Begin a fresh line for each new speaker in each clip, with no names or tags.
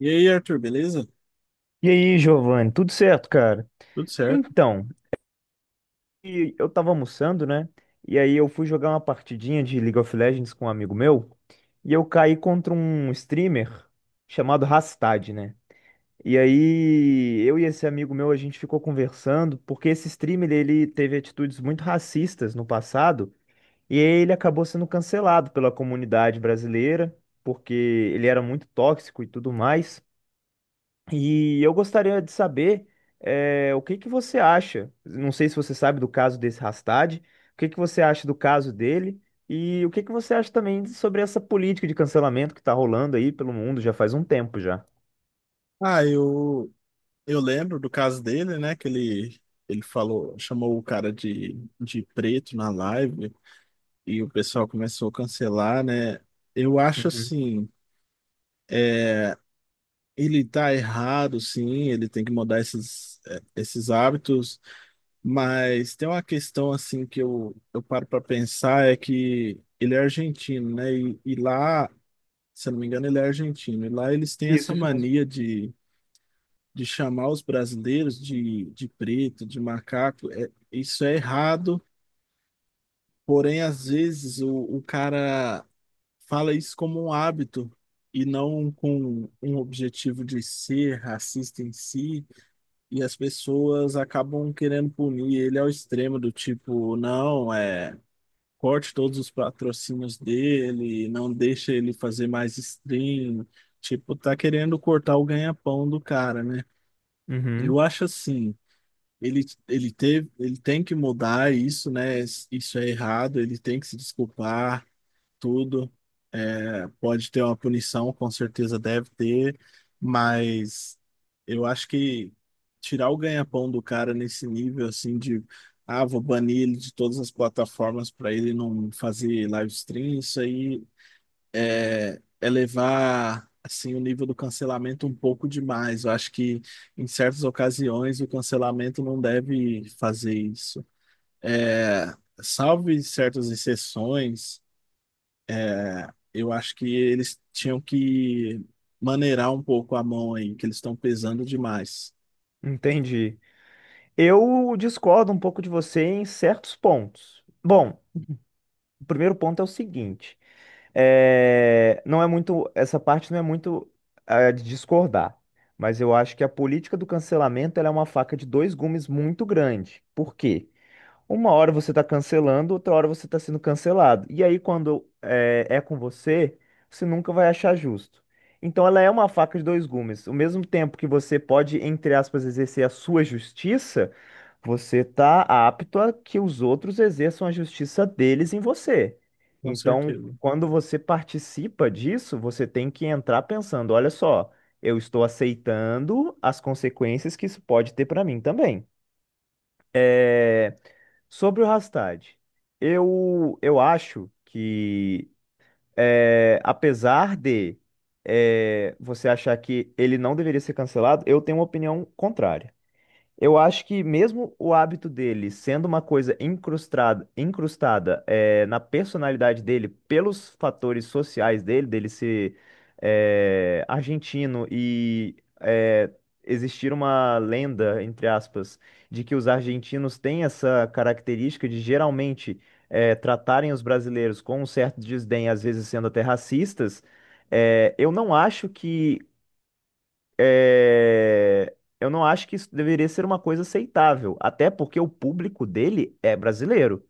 E aí, Arthur, beleza?
E aí, Giovanni, tudo certo, cara?
Tudo certo?
Então, eu tava almoçando, né? E aí eu fui jogar uma partidinha de League of Legends com um amigo meu, e eu caí contra um streamer chamado Rastad, né? E aí eu e esse amigo meu, a gente ficou conversando, porque esse streamer, ele teve atitudes muito racistas no passado, e ele acabou sendo cancelado pela comunidade brasileira, porque ele era muito tóxico e tudo mais. E eu gostaria de saber, o que que você acha? Não sei se você sabe do caso desse Hastad, o que que você acha do caso dele e o que que você acha também sobre essa política de cancelamento que está rolando aí pelo mundo já faz um tempo já.
Ah, eu, eu lembro do caso dele, né? Ele falou, chamou o cara de preto na live e o pessoal começou a cancelar, né? Eu acho
Uhum.
assim, é, ele tá errado, sim, ele tem que mudar esses, esses hábitos, mas tem uma questão assim que eu paro para pensar é que ele é argentino, né? E lá, se eu não me engano, ele é argentino, e lá eles têm
Isso,
essa
isso mesmo.
mania de chamar os brasileiros de preto, de macaco, é, isso é errado, porém, às vezes, o cara fala isso como um hábito e não com um objetivo de ser racista em si, e as pessoas acabam querendo punir ele ao extremo do tipo, não, é. Corte todos os patrocínios dele, não deixa ele fazer mais stream. Tipo, tá querendo cortar o ganha-pão do cara, né? Eu
Uhum,
acho assim, ele tem que mudar isso, né? Isso é errado, ele tem que se desculpar, tudo. É, pode ter uma punição, com certeza deve ter, mas eu acho que tirar o ganha-pão do cara nesse nível, assim, de, ah, vou banir ele de todas as plataformas para ele não fazer live stream, isso aí é, elevar assim o nível do cancelamento um pouco demais. Eu acho que em certas ocasiões o cancelamento não deve fazer isso. É, salvo em certas exceções, é, eu acho que eles tinham que maneirar um pouco a mão aí, que eles estão pesando demais.
entendi. Eu discordo um pouco de você em certos pontos. Bom, o primeiro ponto é o seguinte. É, não é muito, essa parte não é muito de discordar, mas eu acho que a política do cancelamento ela é uma faca de dois gumes muito grande. Por quê? Uma hora você está cancelando, outra hora você está sendo cancelado. E aí, quando é com você, você nunca vai achar justo. Então, ela é uma faca de dois gumes. Ao mesmo tempo que você pode, entre aspas, exercer a sua justiça, você está apto a que os outros exerçam a justiça deles em você.
Com
Então,
certeza.
quando você participa disso, você tem que entrar pensando: olha só, eu estou aceitando as consequências que isso pode ter para mim também. Sobre o Hastad, eu acho que, apesar de você achar que ele não deveria ser cancelado, eu tenho uma opinião contrária. Eu acho que mesmo o hábito dele sendo uma coisa incrustada na personalidade dele, pelos fatores sociais dele, dele ser argentino e existir uma lenda, entre aspas, de que os argentinos têm essa característica de geralmente tratarem os brasileiros com um certo desdém, às vezes sendo até racistas, eu não acho que é, eu não acho que isso deveria ser uma coisa aceitável, até porque o público dele é brasileiro.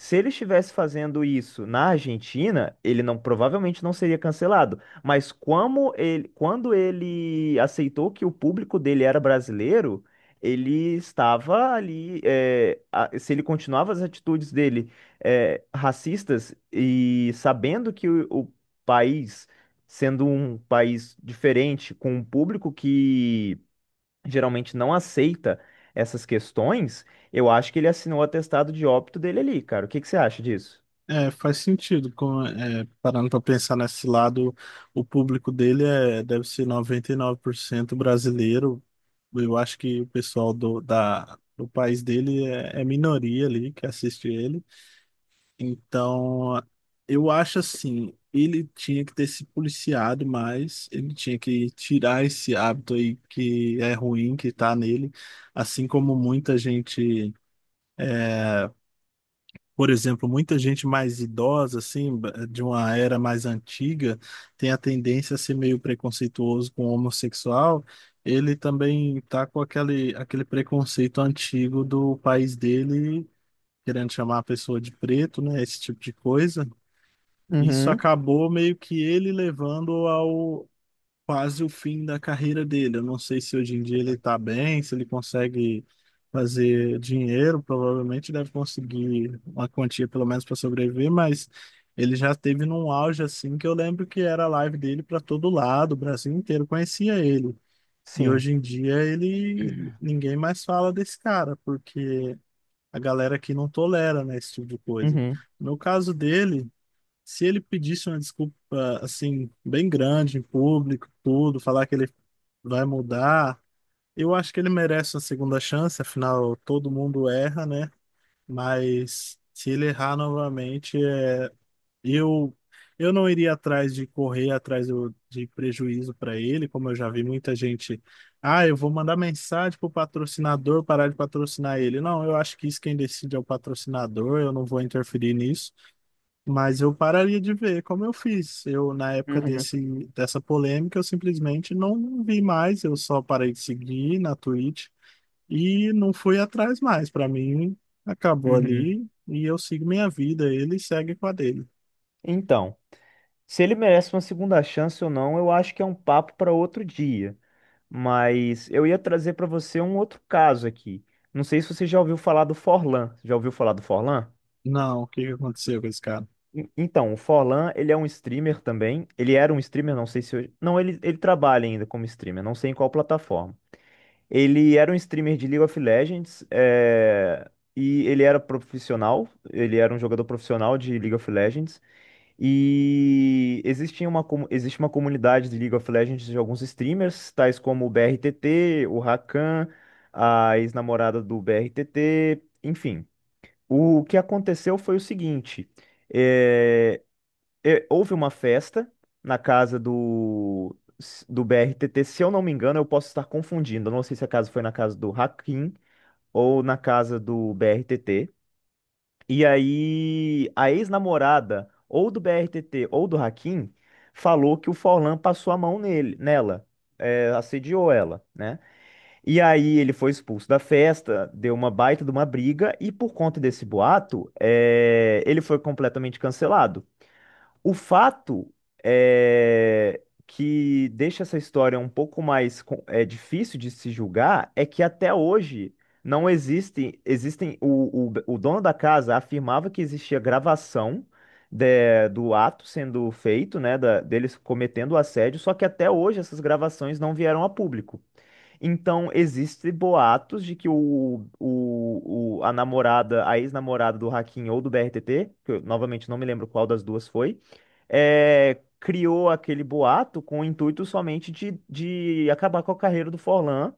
Se ele estivesse fazendo isso na Argentina, ele não provavelmente não seria cancelado. Mas como ele, quando ele aceitou que o público dele era brasileiro, ele estava ali. É, a- se ele continuava as atitudes dele racistas e sabendo que o país sendo um país diferente, com um público que geralmente não aceita essas questões, eu acho que ele assinou o atestado de óbito dele ali, cara. O que que você acha disso?
É, faz sentido, como, é, parando para pensar nesse lado, o público dele é, deve ser 99% brasileiro. Eu acho que o pessoal do país dele é, é minoria ali que assiste ele. Então, eu acho assim, ele tinha que ter se policiado mais, ele tinha que tirar esse hábito aí que é ruim, que tá nele, assim como muita gente. Por exemplo, muita gente mais idosa, assim, de uma era mais antiga, tem a tendência a ser meio preconceituoso com o homossexual. Ele também tá com aquele preconceito antigo do país dele, querendo chamar a pessoa de preto, né? Esse tipo de coisa. Isso
Uhum.
acabou meio que ele levando quase o fim da carreira dele. Eu não sei se hoje em dia ele está bem, se ele consegue fazer dinheiro, provavelmente deve conseguir uma quantia pelo menos para sobreviver, mas ele já teve num auge assim que eu lembro que era a live dele para todo lado, o Brasil inteiro conhecia ele. E
Sim.
hoje em dia ele ninguém mais fala desse cara, porque a galera aqui não tolera, né, esse tipo de coisa.
Uhum.
No caso dele, se ele pedisse uma desculpa, assim, bem grande em público, tudo, falar que ele vai mudar, eu acho que ele merece uma segunda chance, afinal, todo mundo erra, né? Mas se ele errar novamente, eu, eu não iria atrás de de prejuízo para ele, como eu já vi muita gente. Ah, eu vou mandar mensagem pro patrocinador parar de patrocinar ele. Não, eu acho que isso quem decide é o patrocinador, eu não vou interferir nisso. Mas eu pararia de ver como eu fiz. Eu, na época
Uhum.
dessa polêmica, eu simplesmente não vi mais, eu só parei de seguir na Twitch e não fui atrás mais. Pra mim, acabou
Uhum.
ali e eu sigo minha vida, ele segue com a dele.
Então, se ele merece uma segunda chance ou não, eu acho que é um papo para outro dia. Mas eu ia trazer para você um outro caso aqui. Não sei se você já ouviu falar do Forlan. Já ouviu falar do Forlan?
Não, o que que aconteceu com esse cara?
Então, o Forlan, ele é um streamer também. Ele era um streamer, não sei se hoje. Não, ele trabalha ainda como streamer, não sei em qual plataforma. Ele era um streamer de League of Legends, é, e ele era profissional, ele era um jogador profissional de League of Legends. E existia uma, existe uma comunidade de League of Legends de alguns streamers, tais como o BRTT, o Rakan, a ex-namorada do BRTT, enfim. O que aconteceu foi o seguinte. eh, houve uma festa na casa do BRTT, se eu não me engano, eu posso estar confundindo. Eu não sei se a casa foi na casa do Hakim ou na casa do BRTT. E aí, a ex-namorada ou do BRTT ou do Hakim falou que o Forlan passou a mão nela, é, assediou ela, né? E aí ele foi expulso da festa, deu uma baita de uma briga e por conta desse boato, é, ele foi completamente cancelado. O fato é que deixa essa história um pouco mais difícil de se julgar é que até hoje não existem o dono da casa afirmava que existia gravação do ato sendo feito, né, deles cometendo o assédio, só que até hoje essas gravações não vieram a público. Então, existem boatos de que a namorada, a ex-namorada do Hakim ou do BRTT, que eu novamente não me lembro qual das duas foi, é, criou aquele boato com o intuito somente de acabar com a carreira do Forlan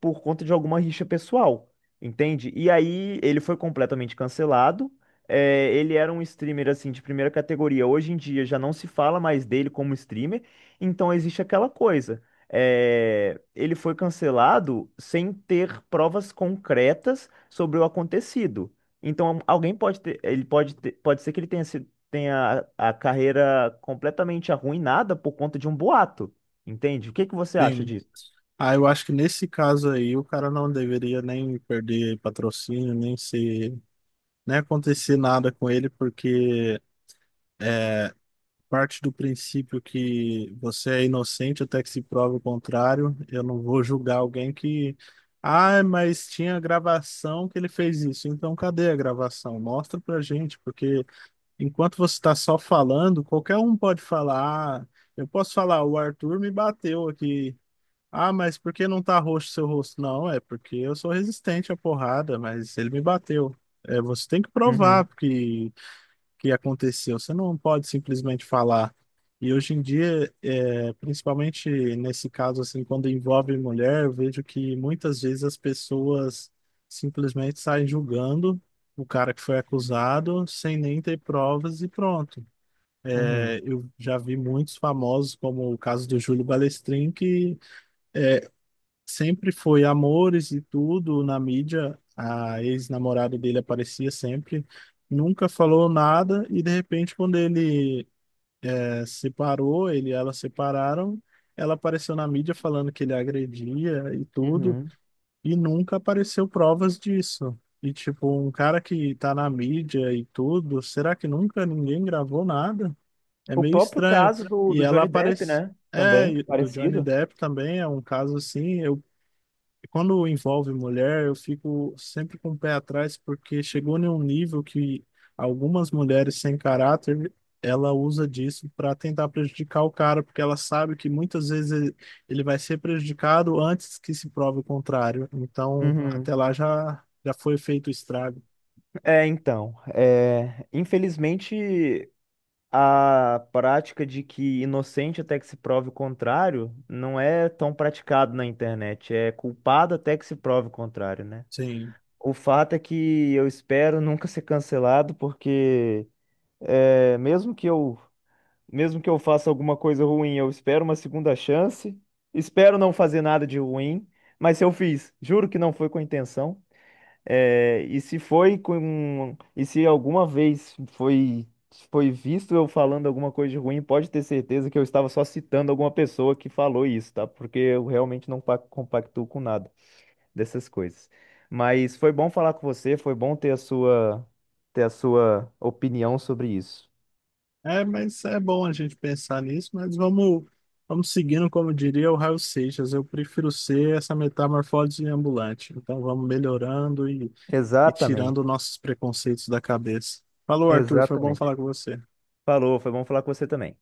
por conta de alguma rixa pessoal, entende? E aí ele foi completamente cancelado. É, ele era um streamer assim de primeira categoria. Hoje em dia já não se fala mais dele como streamer, então existe aquela coisa. É, ele foi cancelado sem ter provas concretas sobre o acontecido. Então, alguém pode ter, ele pode ser que ele tenha sido tem a carreira completamente arruinada por conta de um boato. Entende? O que que você acha
Sim.
disso?
Ah, eu acho que nesse caso aí, o cara não deveria nem perder patrocínio, nem acontecer nada com ele, porque é parte do princípio que você é inocente até que se prove o contrário. Eu não vou julgar alguém que. Ah, mas tinha gravação que ele fez isso. Então, cadê a gravação? Mostra pra gente, porque enquanto você está só falando, qualquer um pode falar. Ah, eu posso falar, o Arthur me bateu aqui. Ah, mas por que não tá roxo seu rosto? Não, é porque eu sou resistente à porrada, mas ele me bateu. É, você tem que
Uhum.
provar, porque que aconteceu. Você não pode simplesmente falar. E hoje em dia, é, principalmente nesse caso, assim, quando envolve mulher, eu vejo que muitas vezes as pessoas simplesmente saem julgando o cara que foi acusado sem nem ter provas e pronto.
Uhum.
É, eu já vi muitos famosos, como o caso do Júlio Balestrin, que sempre foi amores e tudo na mídia. A ex-namorada dele aparecia sempre nunca falou nada e de repente quando ele separou, ele e ela separaram. Ela apareceu na mídia falando que ele agredia e tudo,
Uhum.
e nunca apareceu provas disso. E, tipo, um cara que tá na mídia e tudo, será que nunca ninguém gravou nada? É
O
meio
próprio
estranho.
caso do,
E
do
ela
Johnny Depp,
aparece.
né?
É,
Também,
e do Johnny
parecido.
Depp também é um caso assim. Eu quando envolve mulher, eu fico sempre com o pé atrás, porque chegou em um nível que algumas mulheres sem caráter, ela usa disso para tentar prejudicar o cara, porque ela sabe que muitas vezes ele vai ser prejudicado antes que se prove o contrário. Então, até
Uhum.
lá já, já foi feito o estrago.
É, então, é, infelizmente a prática de que inocente até que se prove o contrário não é tão praticado na internet, é culpado até que se prove o contrário, né?
Sim.
O fato é que eu espero nunca ser cancelado porque é, mesmo que eu faça alguma coisa ruim, eu espero uma segunda chance. Espero não fazer nada de ruim, mas se eu fiz, juro que não foi com intenção. É, e se foi com, e se alguma vez foi foi visto eu falando alguma coisa de ruim, pode ter certeza que eu estava só citando alguma pessoa que falou isso, tá? Porque eu realmente não compactuo com nada dessas coisas. Mas foi bom falar com você, foi bom ter a sua opinião sobre isso.
É, mas é bom a gente pensar nisso, mas vamos seguindo, como diria o Raul Seixas, eu prefiro ser essa metamorfose ambulante. Então vamos melhorando e tirando
Exatamente,
nossos preconceitos da cabeça. Falou, Arthur, foi bom
exatamente.
falar com você.
Falou, foi bom falar com você também.